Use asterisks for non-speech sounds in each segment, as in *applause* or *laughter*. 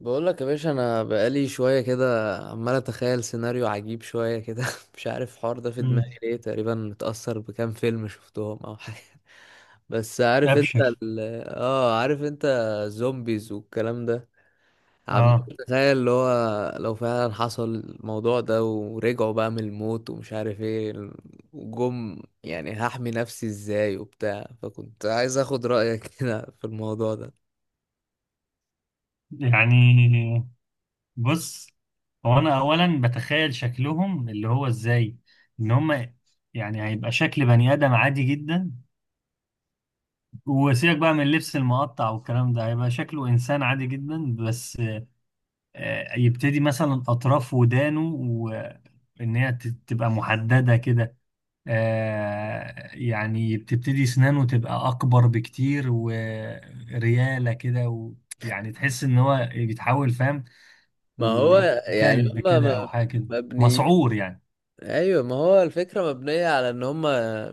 بقول لك يا باشا، انا بقالي شويه كده عمال اتخيل سيناريو عجيب شويه كده. *laughs* مش عارف الحوار ده في مم. دماغي ليه، تقريبا متاثر بكام فيلم شفتهم او حاجه. *laughs* بس عارف انت ابشر. ال... اه عارف انت الزومبيز والكلام ده. عمال اه اتخيل اللي هو لو فعلا حصل الموضوع ده ورجعوا بقى من الموت ومش عارف ايه وجم، يعني هحمي نفسي ازاي وبتاع، فكنت عايز اخد رايك *laughs* كده في الموضوع ده. يعني بص، هو انا اولا بتخيل شكلهم اللي هو ازاي. ان هم يعني هيبقى شكل بني ادم عادي جدا، وسيبك بقى من اللبس المقطع والكلام ده، هيبقى شكله انسان عادي جدا. بس يبتدي مثلا اطراف ودانه تبقى محدده كده. يعني بتبتدي سنانه تبقى أكبر بكتير وريالة كده يعني تحس إن هو بيتحول، فاهم؟ ما هو يعني كلب هما كده أو حاجة كده، مبنيين. مسعور يعني. ايوه ما هو الفكره مبنيه على ان هم،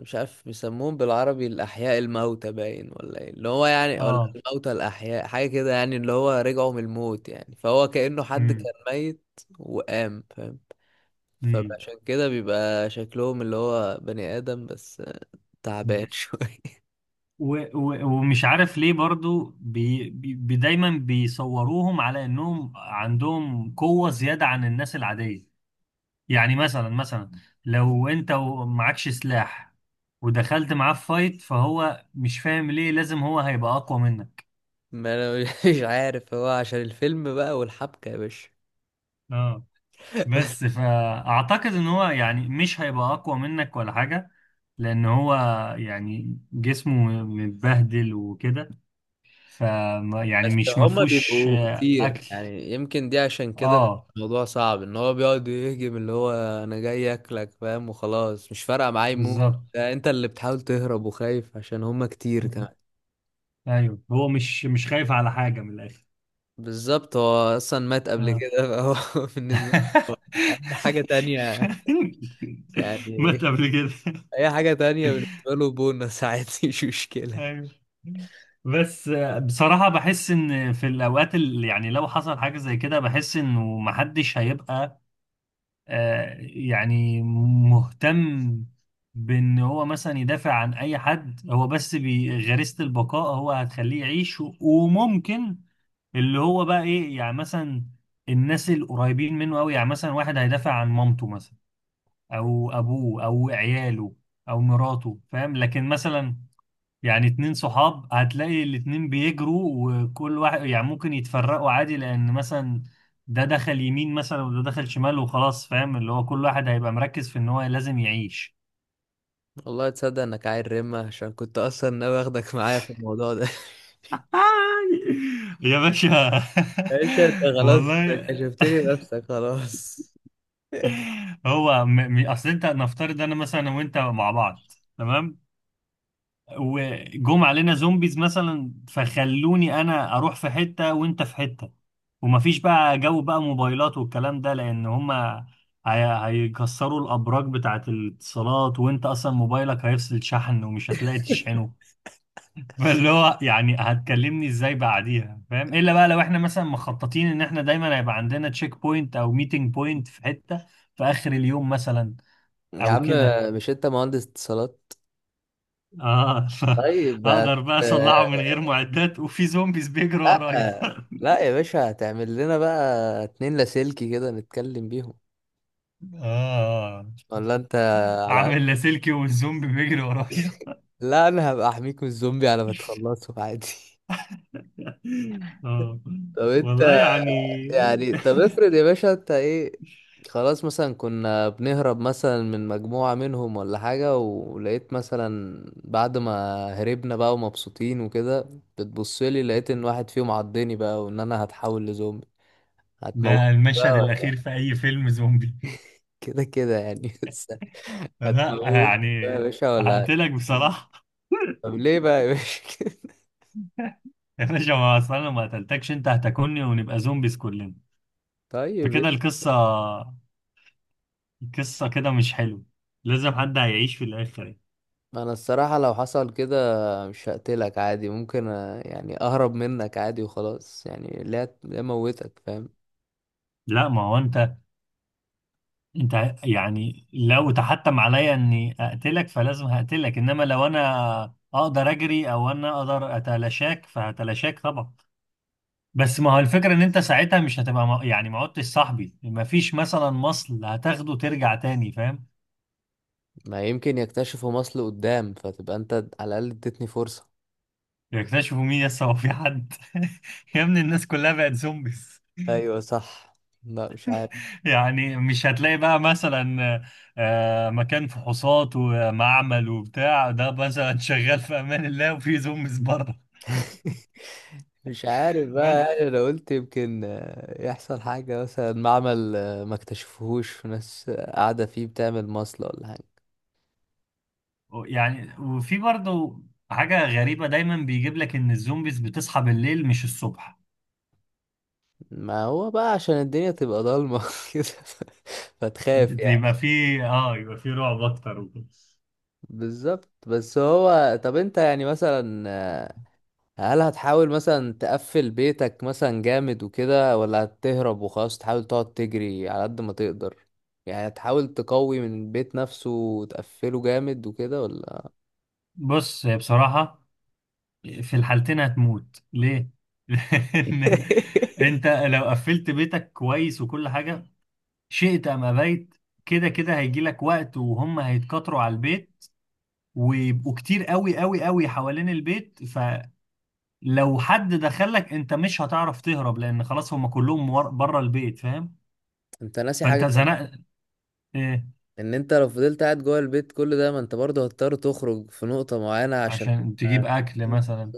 مش عارف بيسموهم بالعربي الاحياء الموتى باين ولا ايه اللي هو يعني، ولا اه. الموتى الاحياء حاجه كده يعني، اللي هو رجعوا من الموت يعني، فهو كانه حد كان امم ميت وقام، فاهم؟ امم فعشان كده بيبقى شكلهم اللي هو بني ادم بس تعبان أمم. *laughs* شويه. و- و- ومش عارف ليه برضو دايما بيصوروهم على إنهم عندهم قوة زيادة عن الناس العادية. يعني مثلا، مثلا لو انت معكش سلاح ودخلت معاه في فايت، فهو مش فاهم ليه لازم هو هيبقى اقوى منك. ما انا مش عارف، هو عشان الفيلم بقى والحبكه يا باشا. اه، بس فاعتقد ان هو يعني مش هيبقى اقوى منك ولا حاجة، لان هو يعني جسمه متبهدل وكده. ف يعني بس مش هما مفهوش بيبقوا كتير، اكل. يعني يمكن دي عشان كده بيبقى اه، الموضوع صعب، ان هو بيقعد يهجم اللي هو انا جاي اكلك فاهم وخلاص، مش فارقه معايا موت. بالظبط. ده انت اللي بتحاول تهرب وخايف عشان هما كتير مم. كمان. ايوه، هو مش خايف على حاجة من الاخر. بالظبط، هو اصلا مات قبل آه. كده، فهو *laughs* بالنسبه له *laughs* اي حاجه تانية يعني. مات قبل كده. اي حاجه تانية بالنسبه له بونص عادي، *laughs* مش مشكله. ايوه، بس بصراحة بحس ان في الاوقات اللي يعني لو حصل حاجة زي كده، بحس انه محدش هيبقى يعني مهتم بان هو مثلا يدافع عن اي حد. هو بس غريزة البقاء هو هتخليه يعيش. وممكن اللي هو بقى ايه يعني، مثلا الناس القريبين منه قوي، يعني مثلا واحد هيدافع عن مامته مثلا، او ابوه، او عياله، او مراته، فاهم؟ لكن مثلا يعني اتنين صحاب، هتلاقي الاتنين بيجروا وكل واحد يعني ممكن يتفرقوا عادي، لان مثلا ده دخل يمين مثلا وده دخل شمال وخلاص، فاهم؟ اللي هو كل واحد هيبقى مركز في ان هو لازم يعيش. والله تصدق انك عيل رمه، عشان كنت اصلا ناوي اخدك معايا في الموضوع ده. *laughs* *laughs* يا باشا. يا باشا انت *laughs* خلاص، والله. كشفتني بنفسك خلاص. هو اصل انت، نفترض انا مثلا وانت مع بعض، تمام؟ وجم علينا زومبيز مثلا، فخلوني انا اروح في حتة وانت في حتة، ومفيش بقى جو بقى موبايلات والكلام ده، لان هما هيكسروا الابراج بتاعت الاتصالات، وانت اصلا موبايلك هيفصل شحن ومش هتلاقي تشحنه. *laughs* فاللي هو يعني هتكلمني ازاي بعديها، فاهم؟ الا بقى لو احنا مثلا مخططين ان احنا دايما هيبقى عندنا تشيك بوينت او ميتنج بوينت في حتة في اخر اليوم مثلا، يا او عم، كده. مش انت مهندس اتصالات؟ اه. *laughs* طيب بقى. اقدر بقى اصلعه من غير معدات وفي زومبيز بيجروا ورايا؟ لا لا يا باشا، هتعمل لنا بقى اتنين لاسلكي كده نتكلم بيهم *laughs* اه، ولا انت على اعمل قد؟ لاسلكي والزومبي بيجري ورايا؟ لا، انا هبقى احميك من الزومبي على ما تخلصه عادي. *laughs* *laughs* اه طب والله انت يعني. يعني، طب افرض يا باشا انت ايه. خلاص، مثلا كنا بنهرب مثلا من مجموعة منهم ولا حاجة، ولقيت مثلا بعد ما هربنا بقى ومبسوطين وكده بتبصلي لقيت ان واحد فيهم عضني بقى، وان انا هتحول لزومبي. هتموت ده المشهد بقى الاخير في اي فيلم زومبي. كده كده يعني *laughs* بس. لا هتموت يعني، بقى يا باشا ولا؟ هقتلك بصراحة. طب *laughs* ليه بقى يا باشا *laughs* كده؟ يا باشا، ما اصل انا ما قتلتكش، انت هتاكلني ونبقى زومبيز كلنا. طيب إيه؟ فكده القصة، القصة كده مش حلو. لازم حد هيعيش في الاخر يعني. ما انا الصراحة لو حصل كده مش هقتلك عادي، ممكن يعني اهرب منك عادي وخلاص، يعني ليه موتك، فاهم؟ لا، ما هو انت، يعني لو تحتم عليا اني اقتلك فلازم هقتلك، انما لو انا اقدر اجري او انا اقدر اتلاشاك فهتلاشاك طبعا. بس ما هو الفكرة ان انت ساعتها مش هتبقى يعني ما عدتش صاحبي، ما فيش مثلا مصل هتاخده ترجع تاني، فاهم؟ ما يمكن يكتشفوا مصل قدام فتبقى انت على الاقل اديتني فرصة. يكتشفوا مين؟ لسه هو في حد؟ *laughs* يا ابني الناس كلها بقت زومبيز. ايوه صح. لا مش عارف. يعني مش هتلاقي بقى مثلا مكان فحوصات ومعمل وبتاع ده مثلا شغال في امان الله وفي زومبيز بره. *laughs* مش عارف *laughs* بقى بس يعني، انا قلت يمكن آه، يحصل حاجة مثلا معمل آه، ما اكتشفوهوش وناس آه، قاعدة فيه بتعمل مصلة ولا حاجة. يعني، وفي برضه حاجة غريبة، دايما بيجيب لك ان الزومبيز بتصحى بالليل مش الصبح. ما هو بقى عشان الدنيا تبقى ضلمة *laughs* كده فتخاف يعني. يبقى في، اه، يبقى في رعب اكتر وكده. بالظبط، بس هو طب انت يعني مثلا آه، هل هتحاول مثلا تقفل بيتك مثلا جامد وكده، ولا هتهرب وخلاص تحاول تقعد تجري على قد ما تقدر؟ يعني هتحاول تقوي من البيت نفسه وتقفله جامد وكده، ولا؟ بص، هي بصراحة في الحالتين هتموت ليه؟ *laughs* لأن انت *laughs* لو قفلت بيتك كويس وكل حاجة، شئت ام ابيت، كده كده هيجي لك وقت وهم هيتكاثروا على البيت، ويبقوا كتير قوي قوي قوي حوالين البيت. لو حد دخلك، انت مش هتعرف تهرب، لان خلاص هم كلهم بره البيت، فاهم؟ انت ناسي حاجة فانت كمان، زنقت. ايه، ان انت لو فضلت قاعد جوه البيت كل ده ما انت برضه هتضطر تخرج في نقطة معينة عشان. عشان تجيب اكل *laughs* مثلا؟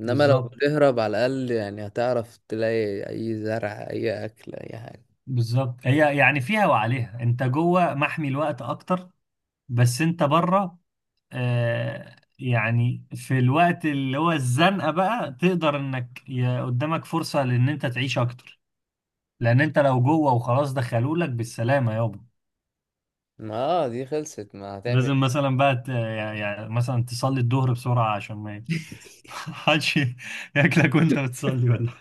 انما لو بالظبط. بتهرب على الاقل يعني هتعرف تلاقي اي زرع اي اكل اي حاجة. بالظبط، هي يعني فيها وعليها، انت جوه محمي الوقت اكتر، بس انت بره، آه، يعني في الوقت اللي هو الزنقه بقى تقدر انك قدامك فرصه لان انت تعيش اكتر. لان انت لو جوه وخلاص دخلولك بالسلامه يابا. ما آه دي خلصت، ما هتعمل إيه؟ لازم مثلا بقى يعني مثلا تصلي الظهر بسرعه عشان ما حدش ياكلك وانت بتصلي، ولا؟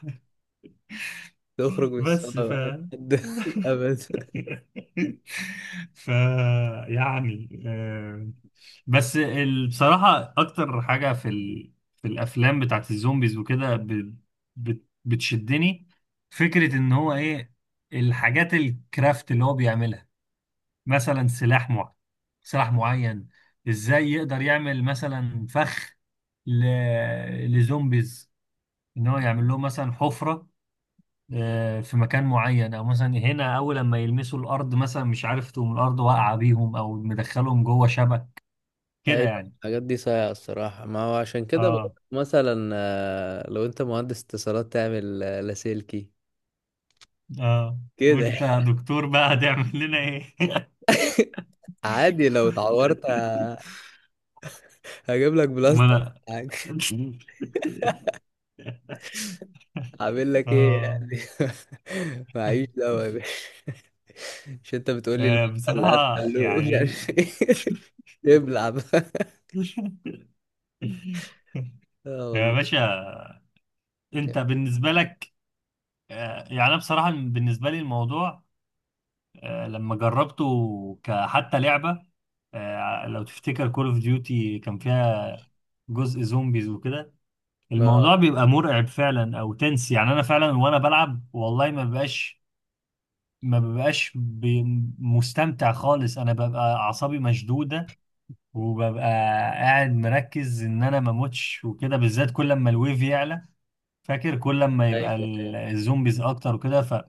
تخرج من الصالة بس ف، بقى لحد *laughs* الابد. *laughs* ف، يعني بس بصراحة أكتر حاجة في في الأفلام بتاعت الزومبيز وكده بتشدني فكرة إن هو إيه، الحاجات الكرافت اللي هو بيعملها، مثلا سلاح معين، إزاي يقدر يعمل مثلا فخ ل... لزومبيز، إن هو يعمل لهم مثلا حفرة في مكان معين، او مثلا هنا اول لما يلمسوا الارض مثلا، مش عارف، تقوم الارض واقعه بيهم، او مدخلهم جوه شبك كده ايوه، يعني. الحاجات دي صايعة الصراحة. ما هو عشان كده بقول اه. لك مثلا آه، لو انت مهندس اتصالات تعمل آه، لاسلكي اه. كده. وانت يا دكتور بقى هتعمل لنا ايه؟ *laughs* عادي لو اتعورت *laughs* هجيب لك ما بلاستر انا، حاجة. عامل لك ايه اه، يعني؟ *laughs* معيش دواء يا باشا. مش انت بتقول لي المحل اللي بصراحة قفل مش يعني. عارف ايه؟ *laughs* تبلع بقى. *laughs* اه يا والله. باشا، انت بالنسبة لك، يعني انا بصراحة بالنسبة لي الموضوع لما جربته كحتى لعبة، لو تفتكر كول اوف ديوتي كان فيها جزء زومبيز وكده، اه. الموضوع بيبقى مرعب فعلا، او تنس يعني، انا فعلا وانا بلعب والله ما ببقاش، ما ببقاش بي- مستمتع خالص. انا ببقى اعصابي مشدودة، وببقى قاعد مركز ان انا ما اموتش وكده، بالذات كل لما الويف يعلى، فاكر كل لما ايوه يبقى ايوه. الزومبيز اكتر وكده.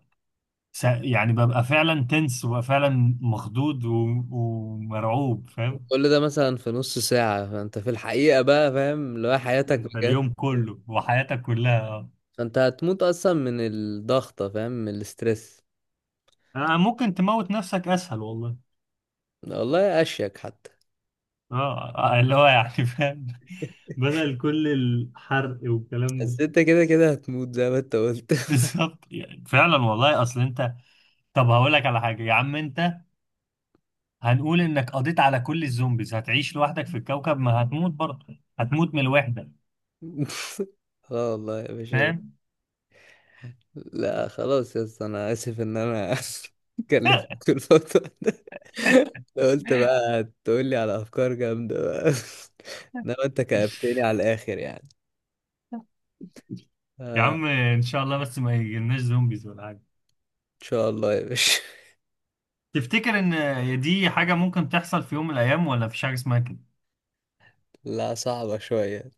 يعني ببقى فعلا تنس، وببقى فعلا مخضوض ومرعوب، فاهم؟ وكل ده مثلا في نص ساعة، فانت في الحقيقة بقى فاهم اللي هو حياتك انت بجد. اليوم كله وحياتك كلها، فانت هتموت اصلا من الضغطة فاهم، من الاسترس. آه ممكن تموت نفسك اسهل والله. والله اشيك حتى. اه، اللي هو يعني، فاهم؟ *laughs* بدل كل الحرق والكلام ده. بس انت كده كده هتموت زي ما انت قلت. *laughs* *laughs* بالظبط، يعني فعلا والله. اصل انت، طب هقول لك على حاجه يا عم انت، هنقول انك قضيت على كل الزومبيز، هتعيش لوحدك في الكوكب، ما هتموت برضه، هتموت من الوحده، اه والله يا باشا. فاهم؟ لا خلاص يا اسطى، انا اسف ان انا *laughs* كلمتك في الفترة ده. قلت بقى تقول لي على افكار جامدة بقى، *laughs* انما انت كأبتني على الاخر يعني. *laughs* يا عم ان شاء الله بس ما يجيلناش زومبيز ولا حاجه. ان شاء الله يا باشا. *laughs* تفتكر ان دي حاجه ممكن تحصل في يوم من الايام، ولا مفيش حاجه اسمها كده؟ لا صعبة شوية.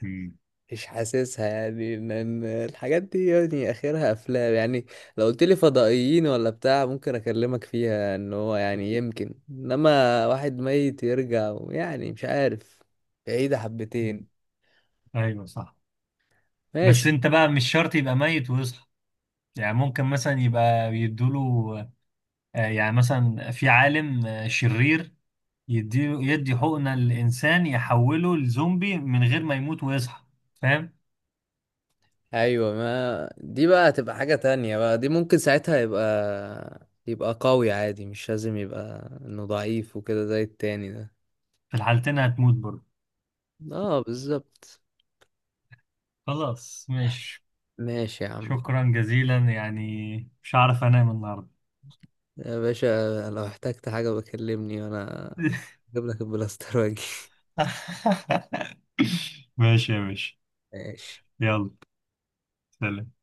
مم. مش حاسسها يعني، ان الحاجات دي يعني اخرها افلام يعني. لو قلت لي فضائيين ولا بتاع ممكن اكلمك فيها ان هو يعني يمكن، انما واحد ميت يرجع يعني مش عارف، بعيدة مم. حبتين. ايوه صح. بس ماشي. انت بقى مش شرط يبقى ميت ويصحى، يعني ممكن مثلا يبقى بيدوله يعني مثلا في عالم شرير، يديله، يدي حقنة للإنسان، يحوله لزومبي من غير ما يموت ويصحى، فاهم؟ ايوه، ما دي بقى هتبقى حاجة تانية بقى، دي ممكن ساعتها يبقى قوي عادي، مش لازم يبقى انه ضعيف وكده زي التاني ده. في الحالتين هتموت برضه. اه بالظبط. خلاص ماشي. ماشي يا عم. شكرا جزيلا يعني، مش هعرف انام النهارده. يا باشا لو احتجت حاجة بكلمني، وانا *laughs* اجيب لك البلاستر واجي. *laughs* ماشي يا باشا. *laughs* ماشي. يلا، سلام.